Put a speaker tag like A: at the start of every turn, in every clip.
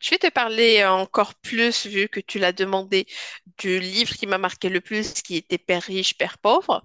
A: Je vais te parler encore plus, vu que tu l'as demandé, du livre qui m'a marqué le plus, qui était Père riche, Père pauvre.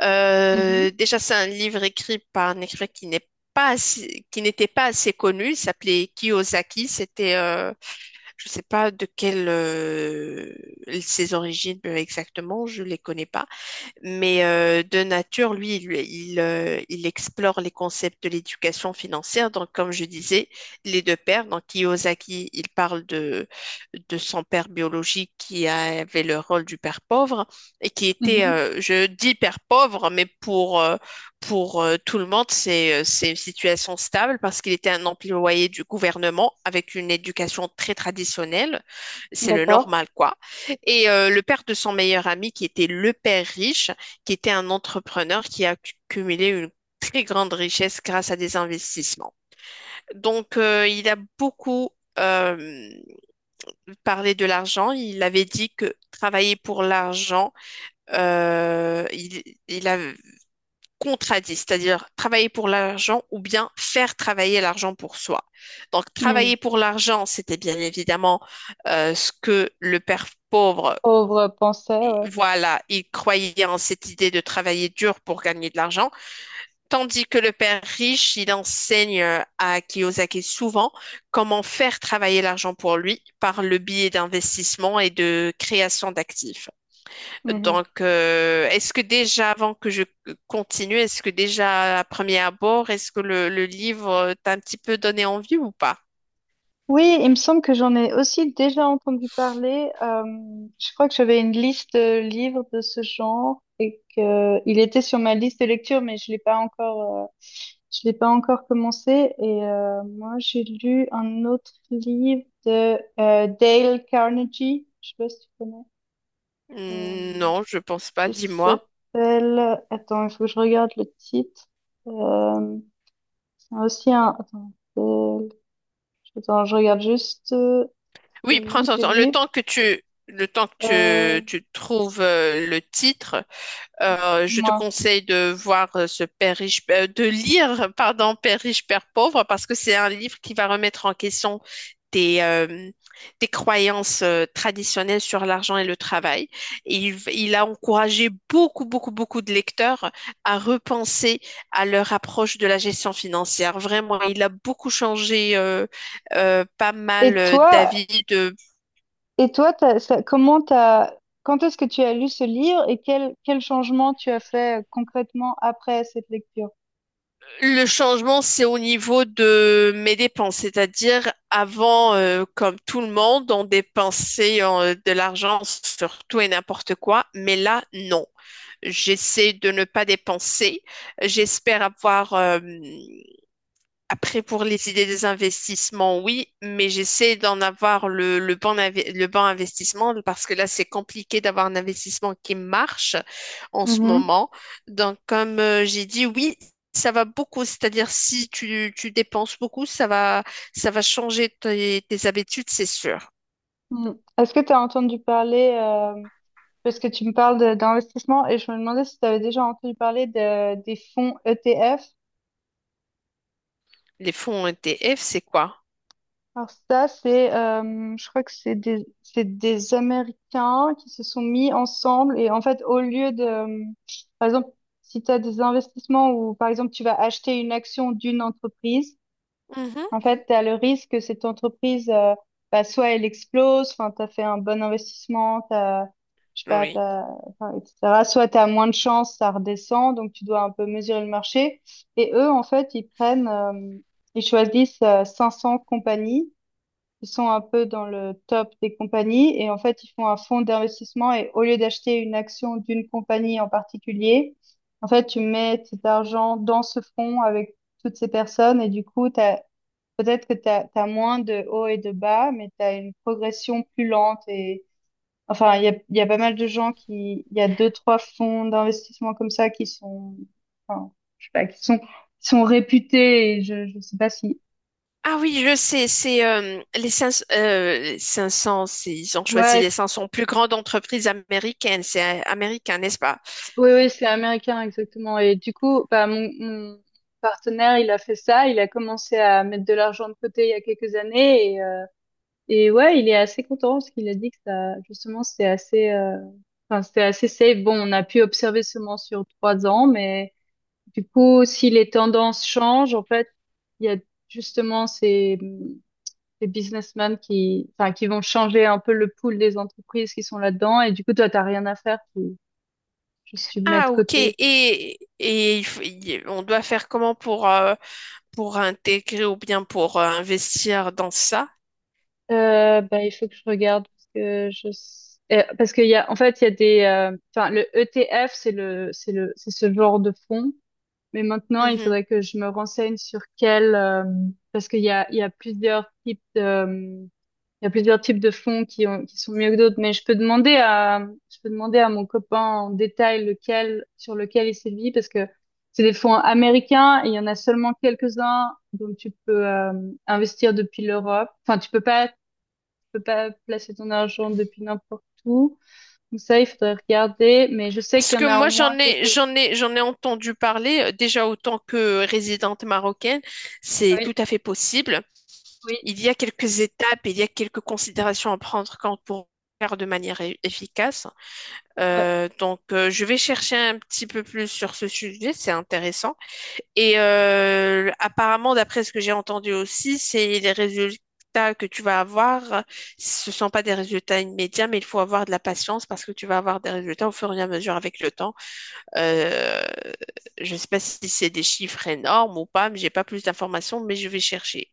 A: Euh,
B: Mhm,
A: déjà, c'est un livre écrit par un écrivain qui n'est pas assez- qui n'était pas assez connu. Il s'appelait Kiyosaki. Je ne sais pas de quelle ses origines exactement. Je ne les connais pas. Mais de nature, lui, il explore les concepts de l'éducation financière. Donc, comme je disais, les deux pères, donc Kiyosaki, il parle de son père biologique qui avait le rôle du père pauvre et qui était,
B: mhm,
A: euh, je dis père pauvre, mais pour tout le monde, c'est une situation stable parce qu'il était un employé du gouvernement avec une éducation très traditionnelle. C'est le
B: d'accord.
A: normal, quoi. Et le père de son meilleur ami, qui était le père riche, qui était un entrepreneur qui a accumulé une très grande richesse grâce à des investissements. Donc, il a beaucoup euh, parlé de l'argent. Il avait dit que travailler pour l'argent, il a contradit, c'est-à-dire travailler pour l'argent ou bien faire travailler l'argent pour soi. Donc,
B: Hmm,
A: travailler pour l'argent, c'était bien évidemment ce que le père pauvre
B: pauvre pensée, ouais.
A: voilà, il croyait en cette idée de travailler dur pour gagner de l'argent, tandis que le père riche, il enseigne à Kiyosaki souvent comment faire travailler l'argent pour lui par le biais d'investissement et de création d'actifs.
B: Mhm.
A: Donc, est-ce que déjà, avant que je continue, est-ce que déjà à premier abord, est-ce que le livre t'a un petit peu donné envie ou pas?
B: Oui, il me semble que j'en ai aussi déjà entendu parler. Je crois que j'avais une liste de livres de ce genre et que il était sur ma liste de lecture, mais je l'ai pas encore commencé. Et moi, j'ai lu un autre livre de Dale Carnegie. Je sais pas si tu connais, euh,
A: Hmm. Non, je pense pas,
B: qui
A: dis-moi.
B: s'appelle. Attends, il faut que je regarde le titre. Il y a aussi un. Euh, attends, je regarde juste le
A: Oui, prends
B: nom
A: ton
B: du
A: temps. Le
B: livre.
A: temps que le temps que
B: Euh,
A: tu trouves le titre, je te
B: Dis-moi.
A: conseille de voir ce Père riche, de lire, pardon, Père riche, Père pauvre, parce que c'est un livre qui va remettre en question tes, euh, tes croyances traditionnelles sur l'argent et le travail. Et il a encouragé beaucoup, beaucoup, beaucoup de lecteurs à repenser à leur approche de la gestion financière. Vraiment, il a beaucoup changé euh, euh, pas mal
B: Et
A: euh,
B: toi,
A: d'avis de.
B: et toi, comment t'as... Quand est-ce que tu as lu ce livre et quel changement tu as fait concrètement après cette lecture?
A: Le changement, c'est au niveau de mes dépenses, c'est-à-dire avant, comme tout le monde, on dépensait de l'argent sur tout et n'importe quoi, mais là, non. J'essaie de ne pas dépenser. J'espère avoir Après, pour les idées des investissements, oui, mais j'essaie d'en avoir le le bon investissement parce que là, c'est compliqué d'avoir un investissement qui marche en ce
B: Mhm.
A: moment. Donc, comme j'ai dit, oui, ça va beaucoup. C'est-à-dire, si tu dépenses beaucoup, ça va changer tes habitudes, c'est sûr.
B: Mm. Est-ce que tu as entendu parler, parce que tu me parles d'investissement et je me demandais si tu avais déjà entendu parler des fonds ETF.
A: Les fonds ETF, c'est quoi?
B: Alors ça, c'est, je crois que c'est des Américains qui se sont mis ensemble et en fait, au lieu de, par exemple, si tu as des investissements ou par exemple tu vas acheter une action d'une entreprise,
A: Mhm,
B: en fait, tu as le risque que cette entreprise, bah, soit elle explose, enfin, tu as fait un bon investissement, t'as, je sais pas,
A: oui.
B: t'as, enfin, etc. Soit tu as moins de chance, ça redescend, donc tu dois un peu mesurer le marché. Et eux, en fait, ils choisissent 500 compagnies. Ils sont un peu dans le top des compagnies et en fait, ils font un fonds d'investissement et au lieu d'acheter une action d'une compagnie en particulier, en fait, tu mets cet argent dans ce fonds avec toutes ces personnes et du coup, peut-être que tu as moins de hauts et de bas, mais tu as une progression plus lente et enfin, il y a pas mal de gens qui, il y a deux, trois fonds d'investissement comme ça qui sont, enfin, je sais pas, qui sont réputés et je sais pas si,
A: Ah oui, je sais, c'est les 500, ils ont choisi
B: ouais,
A: les 500 plus grandes entreprises américaines, c'est américain, n'est-ce pas?
B: oui, oui, c'est américain, exactement. Et du coup, bah, mon partenaire, il a fait ça. Il a commencé à mettre de l'argent de côté il y a quelques années. Et ouais, il est assez content parce qu'il a dit que ça, justement, c'est assez, enfin, c'était assez safe. Bon, on a pu observer seulement sur 3 ans, mais du coup, si les tendances changent, en fait, il y a justement ces businessmen qui, enfin, qui vont changer un peu le pool des entreprises qui sont là-dedans. Et du coup, toi, t'as rien à faire. Juste tu mets
A: Ah
B: de
A: ok,
B: côté.
A: et il on doit faire comment pour intégrer ou bien pour investir dans ça?
B: Bah, il faut que je regarde parce parce qu'il y a en fait il y a des enfin le ETF c'est ce genre de fonds, mais maintenant il
A: Mhm.
B: faudrait que je me renseigne sur quel parce qu'il y a plusieurs types de il y a plusieurs types de fonds qui sont mieux que d'autres, mais je peux demander à mon copain en détail lequel sur lequel il sévit parce que c'est des fonds américains et il y en a seulement quelques-uns, donc tu peux investir depuis l'Europe. Enfin, tu peux pas placer ton argent depuis n'importe où. Donc ça, il faudrait regarder, mais je sais
A: Parce
B: qu'il y
A: que
B: en a au
A: moi
B: moins
A: j'en ai
B: quelques
A: j'en ai j'en ai entendu parler déjà autant que résidente marocaine,
B: uns.
A: c'est tout
B: Oui,
A: à fait possible.
B: oui,
A: Il y a quelques étapes, il y a quelques considérations à prendre quand pour faire de manière efficace.
B: ouais.
A: Donc, je vais chercher un petit peu plus sur ce sujet, c'est intéressant. Et apparemment, d'après ce que j'ai entendu aussi, c'est les résultats que tu vas avoir, ce ne sont pas des résultats immédiats, mais il faut avoir de la patience parce que tu vas avoir des résultats au fur et à mesure avec le temps. Euh, je ne sais pas si c'est des chiffres énormes ou pas, mais j'ai pas plus d'informations, mais je vais chercher.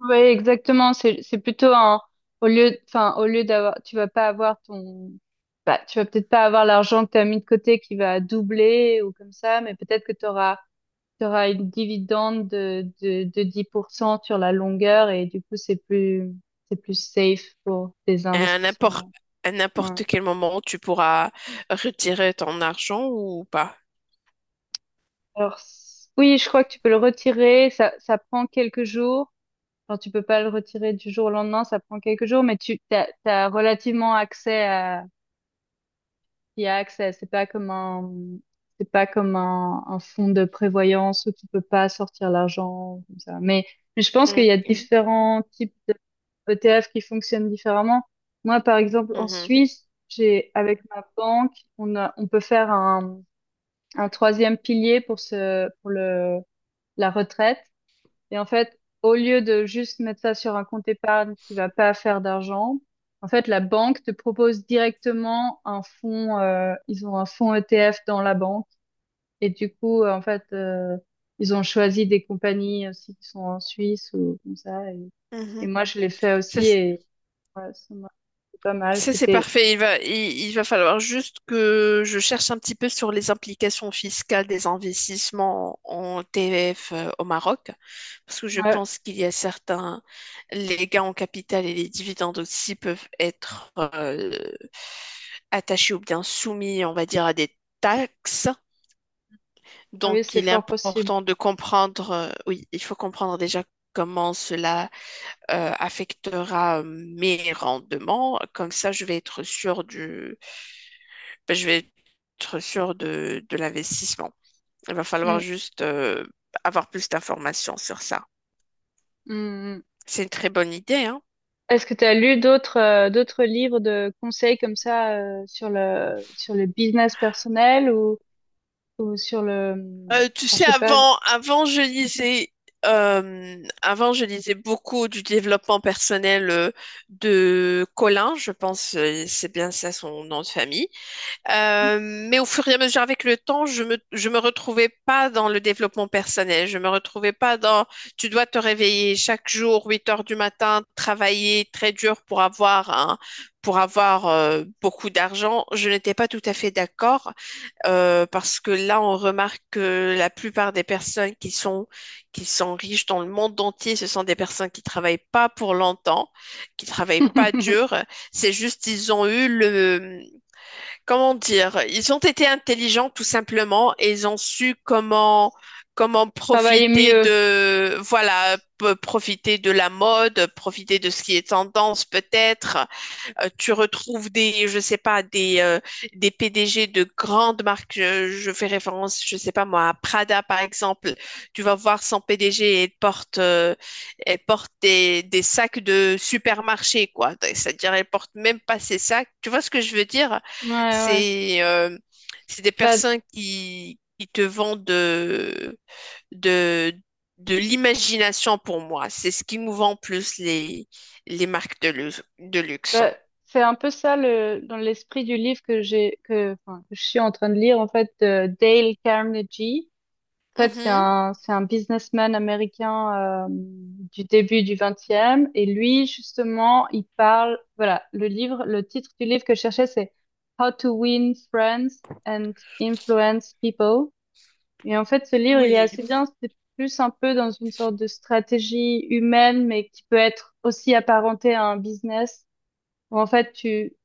B: Ouais, exactement. C'est plutôt un. Au lieu, enfin, au lieu d'avoir. Tu vas pas avoir ton. Bah, tu vas peut-être pas avoir l'argent que tu as mis de côté qui va doubler ou comme ça, mais peut-être que tu auras une dividende de 10% sur la longueur et du coup, c'est plus safe pour tes
A: Et
B: investissements.
A: à
B: Ouais.
A: n'importe quel moment, tu pourras retirer ton argent ou pas.
B: Alors, oui, je crois que tu peux le retirer. Ça prend quelques jours. Enfin, tu peux pas le retirer du jour au lendemain. Ça prend quelques jours, mais t'as relativement accès à, y a accès. C'est pas comme un fonds de prévoyance où tu peux pas sortir l'argent comme ça. Mais je pense qu'il
A: Mm,
B: y a différents types d'ETF qui fonctionnent différemment. Moi, par exemple, en
A: mhm,
B: Suisse, j'ai avec ma banque, on peut faire un troisième pilier pour le la retraite. Et en fait, au lieu de juste mettre ça sur un compte épargne qui va pas faire d'argent, en fait, la banque te propose directement un fonds. Ils ont un fonds ETF dans la banque. Et du coup, en fait, ils ont choisi des compagnies aussi qui sont en Suisse ou comme ça. Et
A: mhm.
B: moi, je l'ai fait
A: Ça,
B: aussi
A: c-
B: et ouais, ça m'a fait pas mal.
A: Ça, c'est
B: C'était,
A: parfait. Il va falloir juste que je cherche un petit peu sur les implications fiscales des investissements en TF au Maroc, parce que je
B: ouais,
A: pense qu'il y a certains, les gains en capital et les dividendes aussi peuvent être attachés ou bien soumis, on va dire, à des taxes.
B: ah oui,
A: Donc,
B: c'est
A: il est
B: fort possible.
A: important de comprendre, oui, il faut comprendre déjà comment cela affectera mes rendements. Comme ça, je vais être sûr de l'investissement. Il va falloir
B: Mm,
A: juste avoir plus d'informations sur ça.
B: mm,
A: C'est une très bonne idée, hein.
B: est-ce que tu as lu d'autres livres de conseils comme ça sur le business personnel ou sur le
A: Tu
B: enfin, je
A: sais,
B: sais pas.
A: avant, avant, je lisais beaucoup du développement personnel de Colin. Je pense, c'est bien ça son nom de famille. Mais au fur et à mesure avec le temps, je me retrouvais pas dans le développement personnel. Je me retrouvais pas dans, tu dois te réveiller chaque jour, 8 heures du matin, travailler très dur pour avoir pour avoir beaucoup d'argent. Je n'étais pas tout à fait d'accord parce que là, on remarque que la plupart des personnes qui sont riches dans le monde entier, ce sont des personnes qui travaillent pas pour longtemps, qui travaillent pas dur. C'est juste, ils ont eu le, comment dire, ils ont été intelligents tout simplement et ils ont su comment
B: Travailler
A: profiter
B: mieux.
A: de, profiter de la mode, profiter de ce qui est tendance peut-être. Tu retrouves des, je sais pas, des PDG de grandes marques. Je fais référence, je sais pas moi, à Prada par exemple. Tu vas voir son PDG, elle porte des sacs de supermarché, quoi. C'est-à-dire, elle porte même pas ses sacs. Tu vois ce que je veux dire?
B: Ouais, ouais.
A: C'est, euh, c'est des
B: Bah,
A: personnes qui te vendent de, de l'imagination pour moi. C'est ce qui nous vend plus les marques de luxe.
B: bah c'est un peu ça le dans l'esprit du livre que j'ai que enfin que je suis en train de lire en fait, de Dale Carnegie. En fait, c'est
A: Mhm.
B: un, c'est un businessman américain du début du 20e. Et lui, justement, il parle, voilà, le livre, le titre du livre que je cherchais, c'est How to Win Friends and Influence People. Et en fait, ce livre, il est
A: Oui.
B: assez bien. C'est plus un peu dans une sorte de stratégie humaine, mais qui peut être aussi apparentée à un business, où en fait, tu,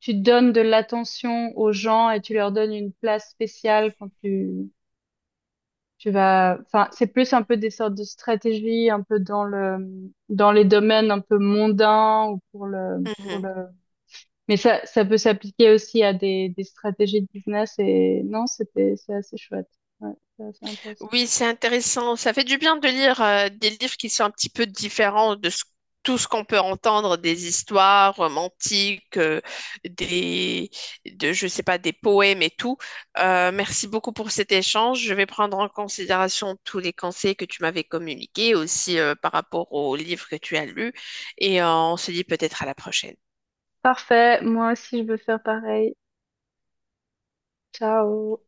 B: tu donnes de l'attention aux gens et tu leur donnes une place spéciale quand tu vas, enfin, c'est plus un peu des sortes de stratégies, un peu dans les domaines un peu mondains ou pour
A: Mhm.
B: le, mais ça peut s'appliquer aussi à des stratégies de business et non, c'est assez chouette. Ouais, c'est assez intéressant.
A: Oui, c'est intéressant. Ça fait du bien de lire des livres qui sont un petit peu différents de ce- tout ce qu'on peut entendre, des histoires romantiques, des, je sais pas, des poèmes et tout. Merci beaucoup pour cet échange. Je vais prendre en considération tous les conseils que tu m'avais communiqués aussi par rapport aux livres que tu as lus et on se dit peut-être à la prochaine.
B: Parfait. Moi aussi, je veux faire pareil. Ciao.